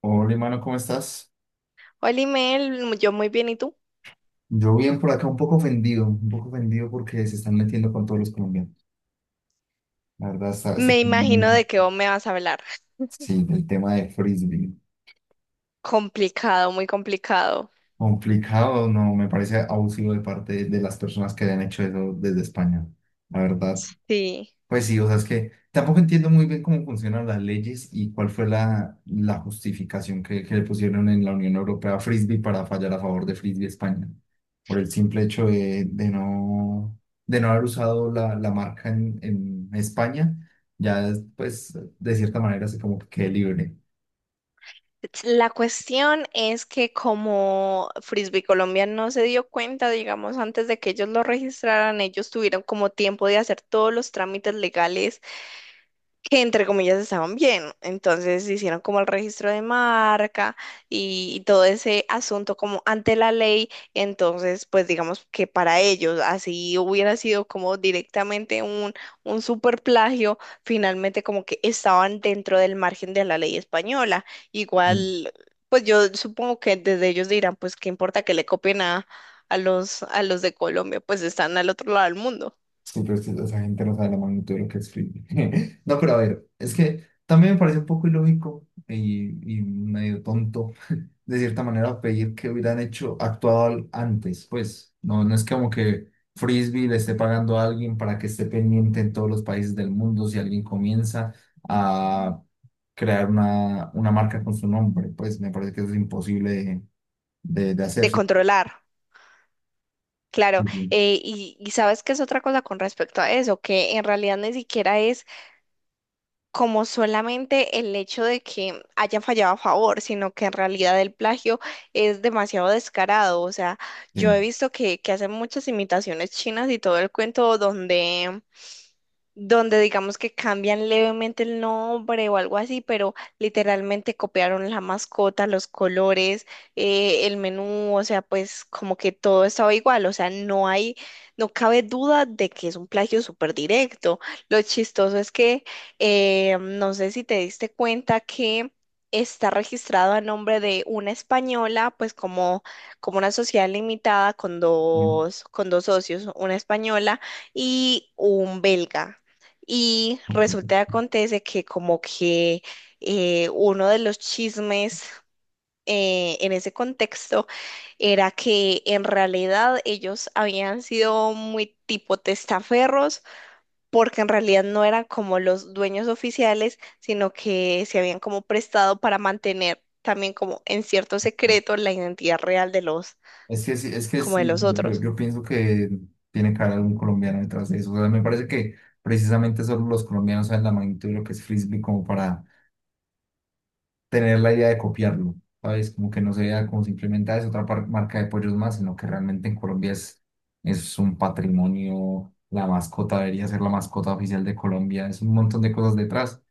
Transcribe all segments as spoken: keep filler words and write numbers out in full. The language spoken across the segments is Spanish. Hola, hermano, ¿cómo estás? Hola, Imel, yo muy bien, ¿y tú? Yo bien por acá, un poco ofendido, un poco ofendido porque se están metiendo con todos los colombianos. La verdad, está, está Me como- imagino de qué vos me vas a hablar. sí, el tema de frisbee. Complicado, muy complicado. Complicado, no, me parece abusivo de parte de las personas que hayan hecho eso desde España. La verdad, Sí. pues sí, o sea, es que tampoco entiendo muy bien cómo funcionan las leyes y cuál fue la, la justificación que, que le pusieron en la Unión Europea a Frisbee para fallar a favor de Frisbee España, por el simple hecho de, de no, de no haber usado la, la marca en, en España, ya es, pues de cierta manera se como que quede libre. La cuestión es que como Frisbee Colombia no se dio cuenta, digamos, antes de que ellos lo registraran, ellos tuvieron como tiempo de hacer todos los trámites legales que entre comillas estaban bien. Entonces hicieron como el registro de marca y, y todo ese asunto como ante la ley. Entonces, pues digamos que para ellos así hubiera sido como directamente un, un super plagio, finalmente como que estaban dentro del margen de la ley española. Sí, pues, Igual, pues yo supongo que desde ellos dirán, pues qué importa que le copien a, a los, a los de Colombia, pues están al otro lado del mundo, sí, pero es que esa gente no sabe la magnitud de lo que es Frisbee. No, pero a ver, es que también me parece un poco ilógico y, y medio tonto de cierta manera pedir que hubieran hecho, actuado al- antes, pues no, no es como que Frisbee le esté pagando a alguien para que esté pendiente en todos los países del mundo si alguien comienza a crear una, una marca con su nombre, pues me parece que eso es imposible de, de, de hacer. de Sí, controlar. Claro, sí, eh, y, y sabes que es otra cosa con respecto a eso, que en realidad ni siquiera es como solamente el hecho de que haya fallado a favor, sino que en realidad el plagio es demasiado descarado. O sea, yo he sí, visto que, que hacen muchas imitaciones chinas y todo el cuento donde donde digamos que cambian levemente el nombre o algo así, pero literalmente copiaron la mascota, los colores, eh, el menú, o sea, pues como que todo estaba igual, o sea, no hay, no cabe duda de que es un plagio súper directo. Lo chistoso es que eh, no sé si te diste cuenta que está registrado a nombre de una española, pues como, como una sociedad limitada con sí, dos, con dos socios, una española y un belga. Y resulta y ok. acontece que como que eh, uno de los chismes eh, en ese contexto era que en realidad ellos habían sido muy tipo testaferros, porque en realidad no eran como los dueños oficiales, sino que se habían como prestado para mantener también como en cierto secreto la identidad real de los, Es que sí, es que como de sí, los yo, otros. yo pienso que tiene que haber algún colombiano detrás de eso. O sea, me parece que precisamente solo los colombianos saben la magnitud de lo que es frisbee como para tener la idea de copiarlo, ¿sabes? Como que no se vea como simplemente "Ah, es otra par- marca de pollos más", sino que realmente en Colombia es, es un patrimonio, la mascota debería ser la mascota oficial de Colombia, es un montón de cosas detrás.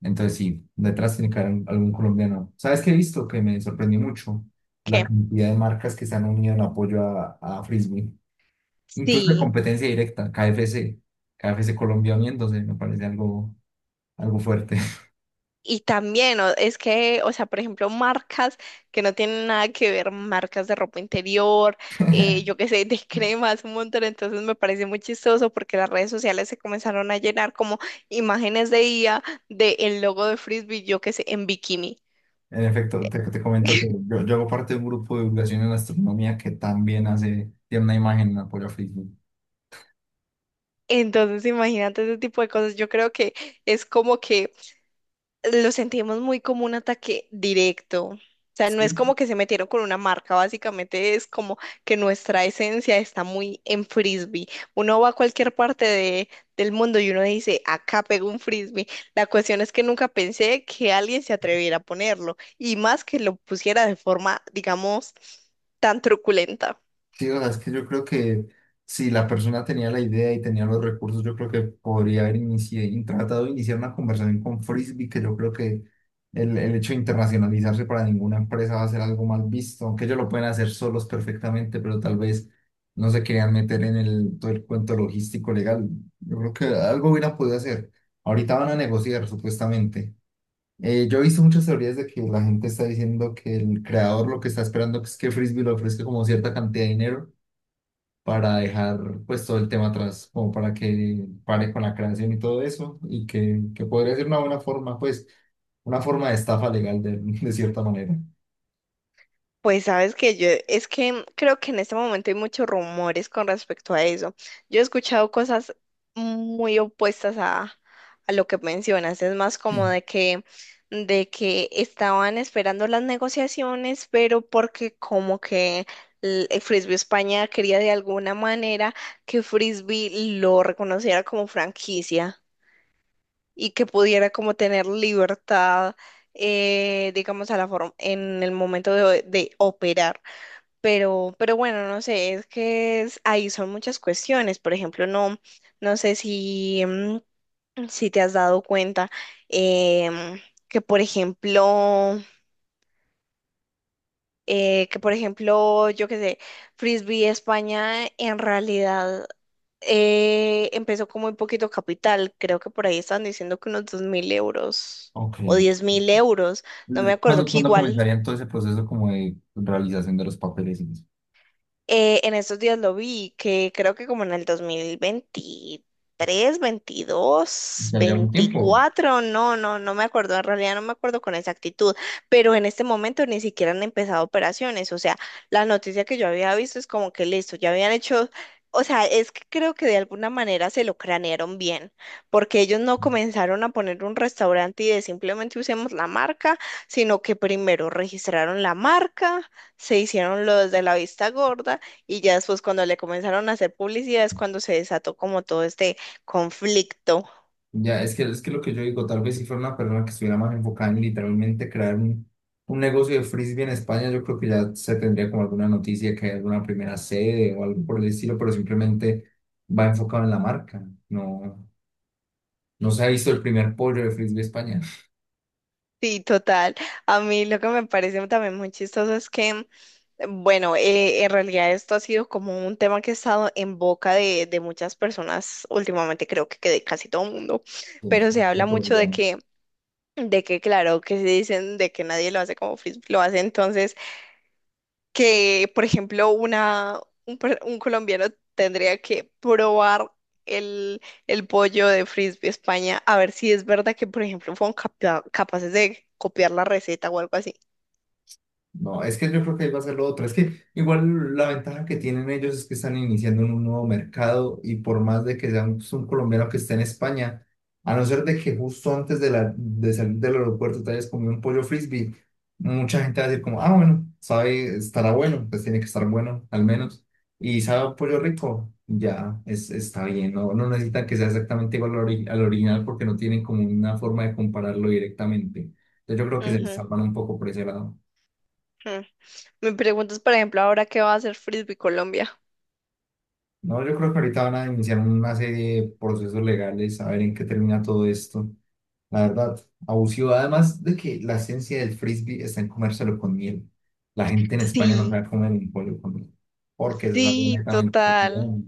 Entonces sí, detrás tiene que haber un- algún colombiano. ¿Sabes qué he visto? Que me sorprendió mucho la ¿Qué? cantidad de marcas que se han unido en apoyo a, a Frisbee, incluso de Sí. competencia directa, K F C, K F C Colombia uniéndose, me parece algo, algo fuerte. Y también, o- es que, o sea, por ejemplo, marcas que no tienen nada que ver, marcas de ropa interior, eh, yo qué sé, de cremas, un montón. Entonces me parece muy chistoso porque las redes sociales se comenzaron a llenar como imágenes de I A de el logo de Frisbee, yo qué sé, en bikini. En efecto, te, te comento que yo, yo hago parte de un grupo de divulgación en astronomía que también hace, tiene una imagen en apoyo a Facebook. Entonces, imagínate ese tipo de cosas. Yo creo que es como que lo sentimos muy como un ataque directo. O sea, no es como que se metieron con una marca, básicamente es como que nuestra esencia está muy en frisbee. Uno va a cualquier parte de- Del mundo y uno dice, acá pego un frisbee. La cuestión es que nunca pensé que alguien se atreviera a ponerlo y más que lo pusiera de forma, digamos, tan truculenta. Sí, o sea, es que yo creo que si la persona tenía la idea y tenía los recursos, yo creo que podría haber inici- in- tratado de iniciar una conversación con Frisbee, que yo creo que el, el hecho de internacionalizarse para ninguna empresa va a ser algo mal visto, aunque ellos lo pueden hacer solos perfectamente, pero tal vez no se querían meter en el, todo el cuento logístico legal. Yo creo que algo hubieran podido hacer. Ahorita van a negociar, supuestamente. Eh, yo he visto muchas teorías de que la gente está diciendo que el creador lo que está esperando es que Frisbee le ofrezca como cierta cantidad de dinero para dejar pues todo el tema atrás, como para que pare con la creación y todo eso, y que, que podría ser una buena forma, pues, una forma de estafa legal de, de cierta manera. Pues sabes que yo, es que creo que en este momento hay muchos rumores con respecto a eso. Yo he escuchado cosas muy opuestas a, a lo que mencionas. Es más como Sí. de que, de que estaban esperando las negociaciones, pero porque como que el el Frisbee España quería de alguna manera que Frisbee lo reconociera como franquicia y que pudiera como tener libertad, eh, digamos, a la forma en el momento de de operar. Pero, pero bueno, no sé, es que es- ahí son muchas cuestiones. Por ejemplo, no, no sé si, mm, si te has dado cuenta em, que, por ejemplo, eh, que, por ejemplo, yo qué sé, Frisbee España en realidad eh, empezó con muy poquito capital. Creo que por ahí están diciendo que unos dos mil euros Ok. o diez mil euros, no me acuerdo, ¿Cuándo, que cuándo igual. comenzaría todo ese proceso como de realización de los papeles y eso? Eh, en estos días lo vi, que creo que como en el dos mil veintitrés, veintidós, Ya lleva un tiempo. veinticuatro, no, no, no me acuerdo, en realidad no me acuerdo con exactitud, pero en este momento ni siquiera han empezado operaciones, o sea, la noticia que yo había visto es como que listo, ya habían hecho, o sea, es que creo que de alguna manera se lo cranearon bien, porque ellos no comenzaron a poner un restaurante y de simplemente usemos la marca, sino que primero registraron la marca, se hicieron los de la vista gorda y ya después cuando le comenzaron a hacer publicidad es cuando se desató como todo este conflicto. Ya, es que es que lo que yo digo, tal vez si fuera una persona que estuviera más enfocada en literalmente crear un, un negocio de frisbee en España, yo creo que ya se tendría como alguna noticia que hay alguna primera sede o algo por el estilo, pero simplemente va enfocado en la marca. No, no se ha visto el primer pollo de frisbee España. Sí, total. A mí lo que me parece también muy chistoso es que, bueno, eh, en realidad esto ha sido como un tema que ha estado en boca de, de muchas personas últimamente, creo que, que de casi todo el mundo, Sí, pero se habla fue mucho de colombiano. que, de que claro, que se dicen de que nadie lo hace como Facebook lo hace, entonces que, por ejemplo, una, un, per- un colombiano tendría que probar el, el pollo de Frisbee España a ver si es verdad que, por ejemplo, fueron capa- capaces de copiar la receta o algo así. No, es que yo creo que ahí va a ser lo otro. Es que igual la ventaja que tienen ellos es que están iniciando en un nuevo mercado y por más de que sea un, un colombiano que esté en España, a no ser de que justo antes de, la, de salir del aeropuerto te hayas comido un pollo frisbee, mucha gente va a decir como, ah, bueno, sabe, estará bueno, pues tiene que estar bueno al menos. Y sabe a pollo rico, ya es, está bien, no, no necesitan que sea exactamente igual al, ori- al original porque no tienen como una forma de compararlo directamente. Entonces yo creo que se les Ujú, salvan un poco por ese lado. ujú. Me preguntas, por ejemplo, ahora qué va a hacer Frisbee Colombia. No, yo creo que ahorita van a iniciar una serie de procesos legales, a ver en qué termina todo esto. La verdad, abusivo. Además de que la esencia del frisbee está en comérselo con miel. La gente en España no Sí, sabe comer un pollo con miel, porque eso es algo sí, netamente. total. Colombiano.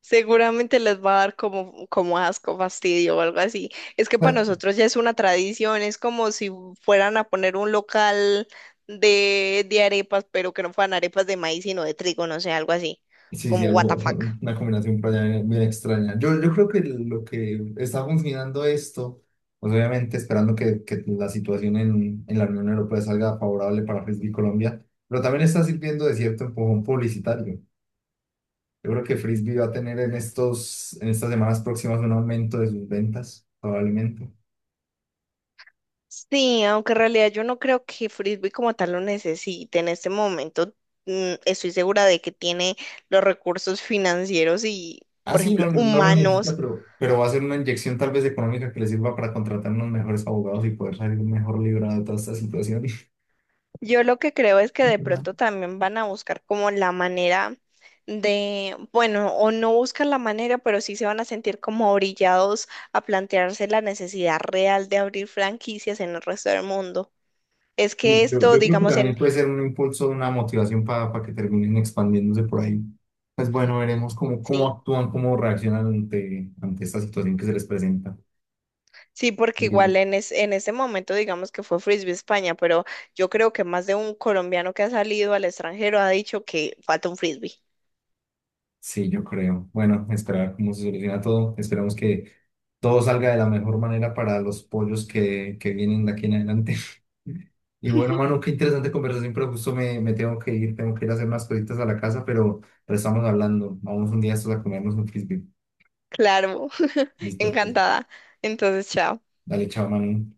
Seguramente les va a dar como, como asco, fastidio o algo así. Es que para nosotros ya es una tradición, es como si fueran a poner un local de, de arepas, pero que no fueran arepas de maíz, sino de trigo, no sé, algo así, Sí, sí, como what algo, the fuck. una combinación por allá bien, bien extraña. Yo, yo creo que lo que está funcionando esto, pues obviamente esperando que, que la situación en, en la Unión Europea salga favorable para Frisbee Colombia, pero también está sirviendo de cierto empujón publicitario. Yo creo que Frisbee va a tener en estos, en estas semanas próximas un aumento de sus ventas, probablemente. Sí, aunque en realidad yo no creo que Frisbee como tal lo necesite en este momento. mm, Estoy segura de que tiene los recursos financieros y, Ah, por sí, ejemplo, no, no lo necesita, humanos. pero, pero va a ser una inyección tal vez económica que le sirva para contratar unos mejores abogados y poder salir mejor librado de toda esta situación. Yo lo que creo es que de Literal. pronto también van a buscar como la manera de, bueno, o no buscan la manera, pero sí se van a sentir como orillados a plantearse la necesidad real de abrir franquicias en el resto del mundo. Es Sí, que Yo, esto, yo creo que digamos, en, también puede ser un impulso, una motivación para que terminen expandiéndose por ahí. Pues bueno, veremos cómo, cómo sí, actúan, cómo reaccionan ante, ante esta situación que se les presenta. sí, porque igual en, es, en ese momento, digamos que fue Frisbee España, pero yo creo que más de un colombiano que ha salido al extranjero ha dicho que falta un Frisbee. Sí, yo creo. Bueno, esperar cómo se soluciona todo. Esperamos que todo salga de la mejor manera para los pollos que, que vienen de aquí en adelante. Y bueno, mano, qué interesante conversación, pero justo me, me tengo que ir, tengo que ir a hacer unas cositas a la casa, pero, pero estamos hablando. Vamos un día estos a comernos un frisbee. Claro, Listo, pues. encantada. Entonces, chao. Dale, chao, mano.